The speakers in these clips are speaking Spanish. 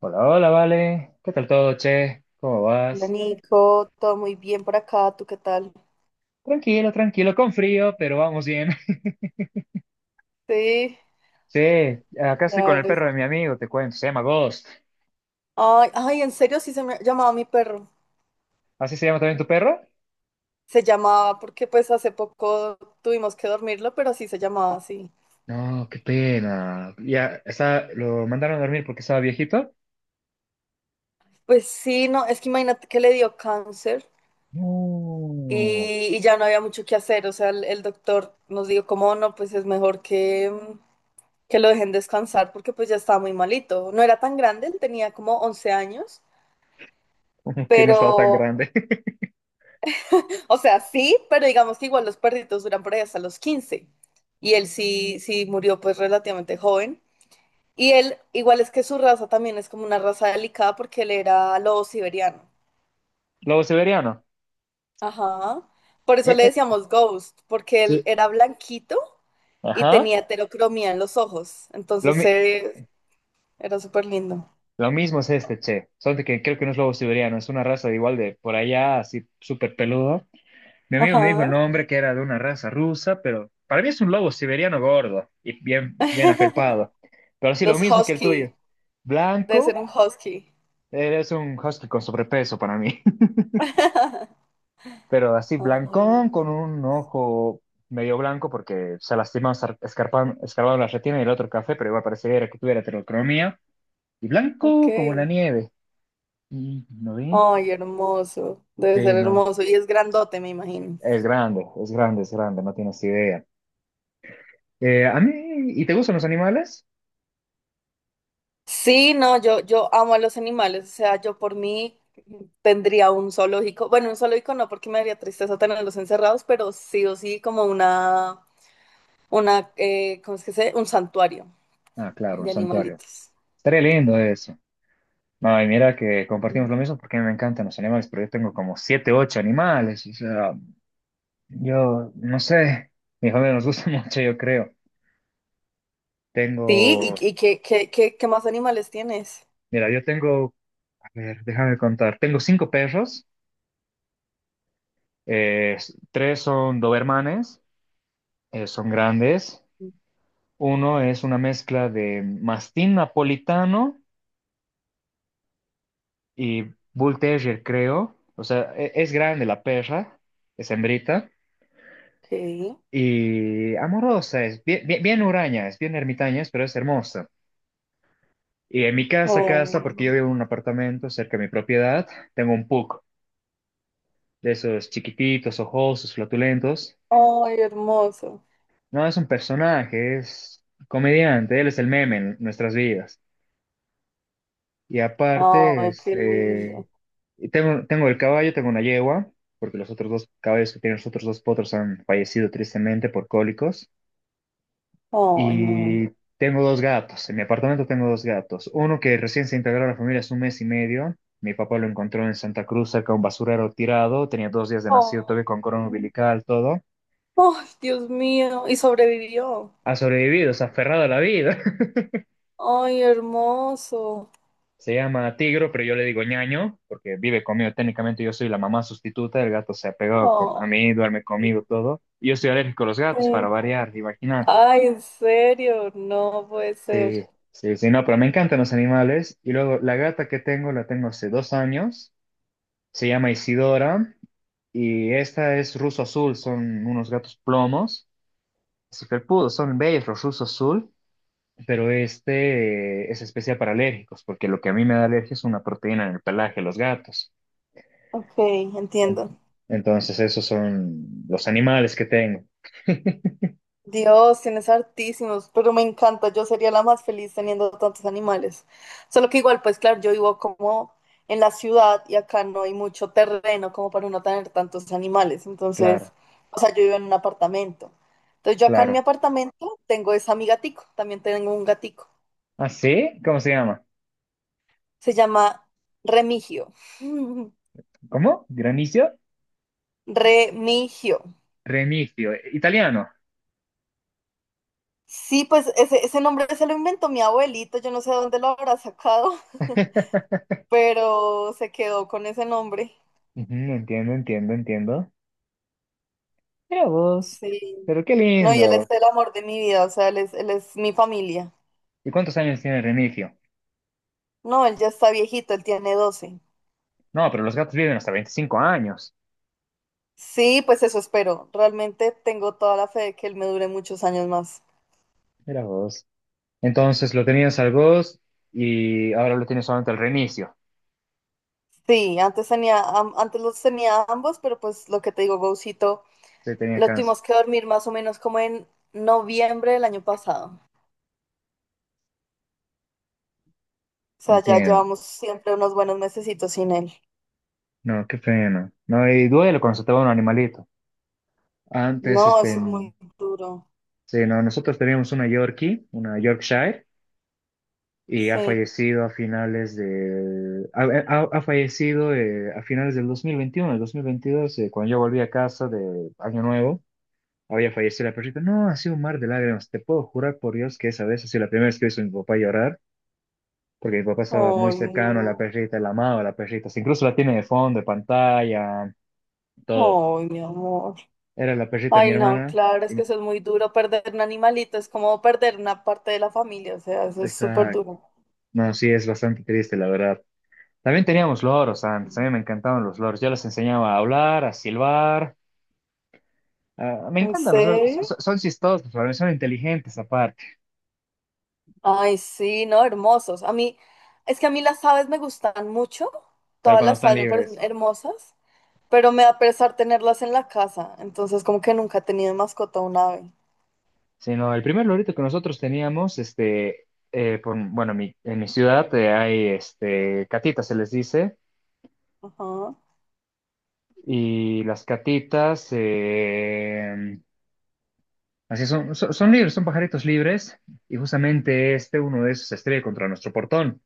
Hola, hola, vale. ¿Qué tal todo, che? ¿Cómo Hola vas? Nico, todo muy bien por acá, ¿tú qué tal? Tranquilo, tranquilo, con frío, pero vamos bien. Sí. Sí, acá estoy con el Claro. es- perro de mi amigo, te cuento, se llama Ghost. Ay, ay, en serio sí se me llamaba mi perro. ¿Así se llama también tu perro? Se llamaba porque pues hace poco tuvimos que dormirlo, pero sí se llamaba así. No, qué pena. Ya, está, lo mandaron a dormir porque estaba viejito. Pues sí, no, es que imagínate que le dio cáncer No, y ya no había mucho que hacer. O sea, el doctor nos dijo como no, pues es mejor que, que lo dejen descansar porque pues ya estaba muy malito. No era tan grande, él tenía como 11 años, que no estaba tan pero... grande. O sea, sí, pero digamos que igual los perritos duran por ahí hasta los 15. Y él sí, sí murió pues relativamente joven. Y él, igual es que su raza también es como una raza delicada porque él era lobo siberiano. Lobo siberiano. Ajá. Por eso Eh, le eh, decíamos Ghost, porque él sí. era blanquito y Ajá. tenía heterocromía en los ojos. Lo, Entonces mi- era súper lindo. lo mismo es este, che. Solo que creo que no es lobo siberiano, es una raza de igual de por allá, así súper peludo. Mi amigo me dijo el Ajá. nombre, que era de una raza rusa, pero para mí es un lobo siberiano gordo y bien, bien afelpado. Pero sí, lo Los mismo que el husky. tuyo. Debe ser Blanco, un husky. eres un husky con sobrepeso para mí. Pero así, Ay, blancón, con un ojo medio blanco porque se lastimó escarbando la retina y el otro café, pero igual pareciera que tuviera heterocromía. Y ok. blanco como la nieve. Y no vi. Ay, hermoso. Debe Sí, ser no. hermoso. Y es grandote, me imagino. Es grande, es grande, es grande, no tienes idea. A mí, ¿y te gustan los animales? Sí, no, yo amo a los animales. O sea, yo por mí tendría un zoológico. Bueno, un zoológico no, porque me daría tristeza tenerlos encerrados, pero sí o sí como una, ¿cómo es que se dice? Un santuario Ah, claro, un de santuario. animalitos. Estaría lindo eso. No, y mira que compartimos lo mismo porque a mí me encantan los animales, pero yo tengo como siete, ocho animales. O sea, yo no sé. Mi familia nos gusta mucho, yo creo. Sí, Tengo, ¿y, y qué más animales tienes? mira, yo tengo, a ver, déjame contar. Tengo cinco perros. Tres son dobermanes, son grandes. Uno es una mezcla de mastín napolitano y bull terrier, creo. O sea, es grande la perra, es hembrita. Sí. Y amorosa, es bien, bien, bien huraña, es bien ermitaña, pero es hermosa. Y en mi casa, casa, porque yo Oh, vivo en un apartamento cerca de mi propiedad, tengo un pug, de esos chiquititos, ojosos, flatulentos. ay, hermoso. No, es un personaje, es comediante, él es el meme en nuestras vidas. Y aparte, Ay, qué lindo. y tengo, tengo el caballo, tengo una yegua, porque los otros dos caballos que tienen los otros dos potros han fallecido tristemente por cólicos. Ay, no. Y tengo dos gatos. En mi apartamento tengo dos gatos. Uno que recién se integró a la familia hace un mes y medio. Mi papá lo encontró en Santa Cruz, cerca de un basurero tirado. Tenía dos días de nacido, todavía Oh. con corona umbilical, todo. Oh, Dios mío, ¿y sobrevivió? Ha sobrevivido, se ha aferrado a la vida. Ay, hermoso. Se llama Tigro, pero yo le digo ñaño, porque vive conmigo. Técnicamente yo soy la mamá sustituta. El gato se ha pegado a Oh, mí, duerme sí. conmigo, todo. Y yo soy alérgico a los gatos, para variar, imagínate. Ay, en serio, no puede ser. Sí, sí, sí, no, pero me encantan los animales. Y luego la gata que tengo, la tengo hace dos años. Se llama Isidora y esta es ruso azul, son unos gatos plomos, así felpudos, son bellos los ruso azul, pero este es especial para alérgicos, porque lo que a mí me da alergia es una proteína en el pelaje de los gatos. Ok, En- entiendo. Entonces esos son los animales que tengo, Dios, tienes hartísimos, pero me encanta. Yo sería la más feliz teniendo tantos animales. Solo que igual, pues claro, yo vivo como en la ciudad y acá no hay mucho terreno como para uno tener tantos animales. Entonces, claro, o sea, yo vivo en un apartamento. Entonces, yo acá en mi claro. apartamento tengo esa mi gatico, también tengo un gatico. ¿Ah, sí? ¿Cómo se llama? Se llama Remigio. ¿Cómo? ¿Granicio? Remigio. Remigio, italiano. Sí, pues ese nombre se lo inventó mi abuelito, yo no sé de dónde lo habrá sacado, pero se quedó con ese nombre. Ujú, entiendo, entiendo, entiendo. Mira vos, Sí. pero qué No, y él es lindo. el amor de mi vida, o sea, él es mi familia. ¿Y cuántos años tiene Remigio? No, él ya está viejito, él tiene 12. No, pero los gatos viven hasta 25 años. Sí, pues eso espero. Realmente tengo toda la fe de que él me dure muchos años más. Mira vos. Entonces lo tenías al Ghost y ahora lo tienes solamente al reinicio. Sí, antes tenía, antes los tenía ambos, pero pues lo que te digo, Gaucito Se tenía lo cáncer. tuvimos que dormir más o menos como en noviembre del año pasado. O sea, ya Entiendo. llevamos siempre unos buenos mesecitos sin él. No, qué pena. No, y duele cuando se te va un animalito. Antes, No, este, eso es muy en- duro. sí, no, nosotros teníamos una Yorkie, una Yorkshire, y ha Sí. fallecido a finales de, ha fallecido a finales del 2021, el 2022, cuando yo volví a casa de Año Nuevo. Había fallecido la perrita. No, ha sido un mar de lágrimas. Te puedo jurar por Dios que esa vez ha sido la primera vez que he visto a mi papá llorar, porque mi papá estaba muy Ay, cercano a la no. perrita, la amaba a la perrita. Incluso la tiene de fondo, de pantalla, todo. Ay, mi amor. Era la perrita de mi Ay, no, hermana. claro, es Y que eso es muy duro. Perder un animalito es como perder una parte de la familia. O sea, eso es súper esa... duro. No, sí, es bastante triste, la verdad. También teníamos loros antes. A mí me encantaban los loros. Yo les enseñaba a hablar, a silbar. Ah, me ¿En encantan los loros. serio? Son, son chistosos, son inteligentes aparte, Ay, sí, no, hermosos. A mí, es que a mí las aves me gustan mucho. pero Todas cuando las están aves me parecen libres. hermosas. Pero me da pesar tenerlas en la casa, entonces como que nunca he tenido de mascota un ave. Sino el primer lorito que nosotros teníamos, bueno, en mi ciudad hay este, catitas, se les dice, Ajá, y las catitas, así son, son, son libres, son pajaritos libres, y justamente este, uno de esos, se estrella contra nuestro portón.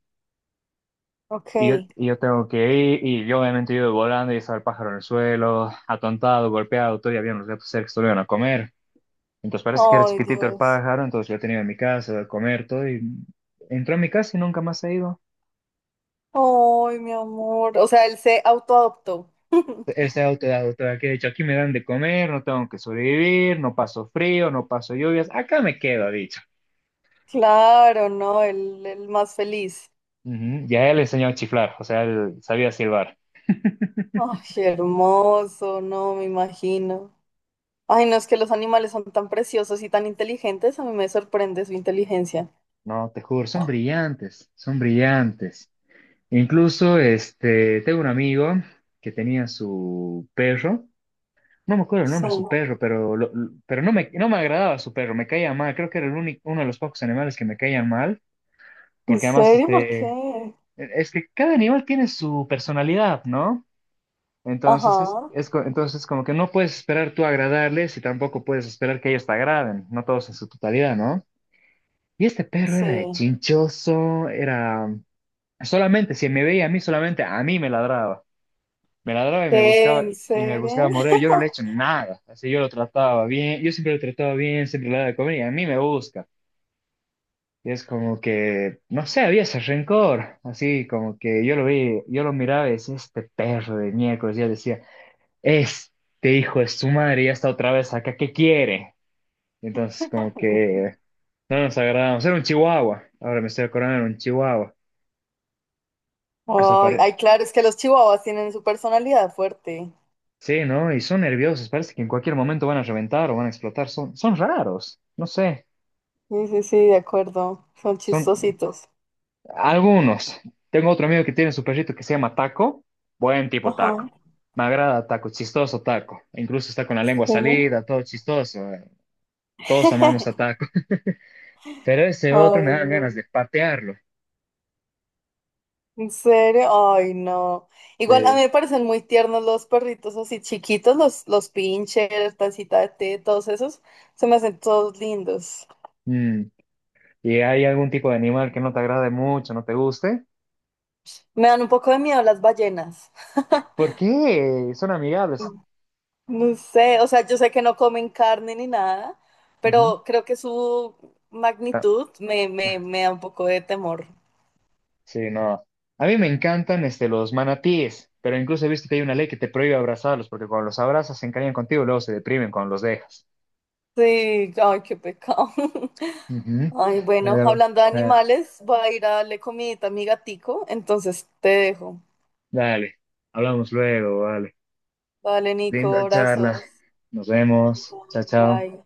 Ok. Y yo tengo que ir, y yo obviamente yo volando, y estaba el pájaro en el suelo, atontado, golpeado, todavía había unos gatos cerca que se lo iban a comer. Entonces parece que era Ay, chiquitito el Dios. pájaro, entonces lo tenía en mi casa, a comer todo, y entró a mi casa y nunca más ha ido. Ay, mi amor. O sea, él se autoadoptó. Él se ha autodidacta, que de hecho aquí me dan de comer, no tengo que sobrevivir, no paso frío, no paso lluvias, acá me quedo, ha dicho. Claro, no, el más feliz. Ujú, ya él enseñó a chiflar, o sea, él sabía silbar. Ay, hermoso, no, me imagino. Ay, no, es que los animales son tan preciosos y tan inteligentes, a mí me sorprende su inteligencia. No, te juro, son brillantes, son brillantes. Incluso, este, tengo un amigo que tenía su perro, no me acuerdo el Sí. nombre de su perro, pero, pero no me agradaba su perro, me caía mal, creo que era el único, uno de los pocos animales que me caían mal, ¿En porque además, serio? ¿Por este, qué? es que cada animal tiene su personalidad, ¿no? Ajá, Entonces, entonces como que no puedes esperar tú agradarles y tampoco puedes esperar que ellos te agraden, no todos en su totalidad, ¿no? Y este perro era de sí. chinchoso, era solamente, si me veía a mí, solamente a mí me ladraba. Me ladraba ¿Qué? ¿En y me buscaba serio? morder. Yo no le he hecho nada. Así yo lo trataba bien, yo siempre lo trataba bien, siempre le daba de comer y a mí me busca. Y es como que, no sé, había ese rencor. Así como que yo lo vi, yo lo miraba y decía, este perro de miércoles, ya decía. Este hijo de su madre ya está otra vez acá, ¿qué quiere? Entonces, como que no nos agradamos. Era un chihuahua, ahora me estoy acordando, era un chihuahua. O sea, Ay, ay, claro, es que los chihuahuas tienen su personalidad fuerte. sí, ¿no? Y son nerviosos, parece que en cualquier momento van a reventar o van a explotar. Son, son raros, no sé, Sí, sí, sí, de acuerdo. Son son chistositos. algunos. Tengo otro amigo que tiene su perrito que se llama Taco. Buen tipo Ajá, Taco. Me agrada Taco, chistoso Taco. Incluso está con la lengua sí. salida, todo chistoso. Eh. Todos amamos a Taco. Pero ese otro me Ay, dan ganas no. de patearlo. ¿En serio? Ay, no. Igual a mí me parecen muy tiernos los perritos así chiquitos, los pinchers, tacita de té, todos esos. Se me hacen todos lindos. Mm, ¿y hay algún tipo de animal que no te agrade mucho, no te guste? Me dan un poco de miedo las ballenas. ¿Por qué? Son amigables. No sé, o sea, yo sé que no comen carne ni nada, Ujú. pero creo que su magnitud me, me, Ah, me da un poco de temor. sí, no. A mí me encantan este, los manatíes, pero incluso he visto que hay una ley que te prohíbe abrazarlos, porque cuando los abrazas se encariñan contigo y luego se deprimen cuando los dejas. Sí, ay, qué pecado. Ujú. Ay, bueno, Pero, hablando de eh, animales, voy a ir a darle comidita a mi gatico, entonces te dejo. dale, hablamos luego, vale. Vale, Nico, Linda charla. abrazos. Nos vemos. Chao, chao. Bye.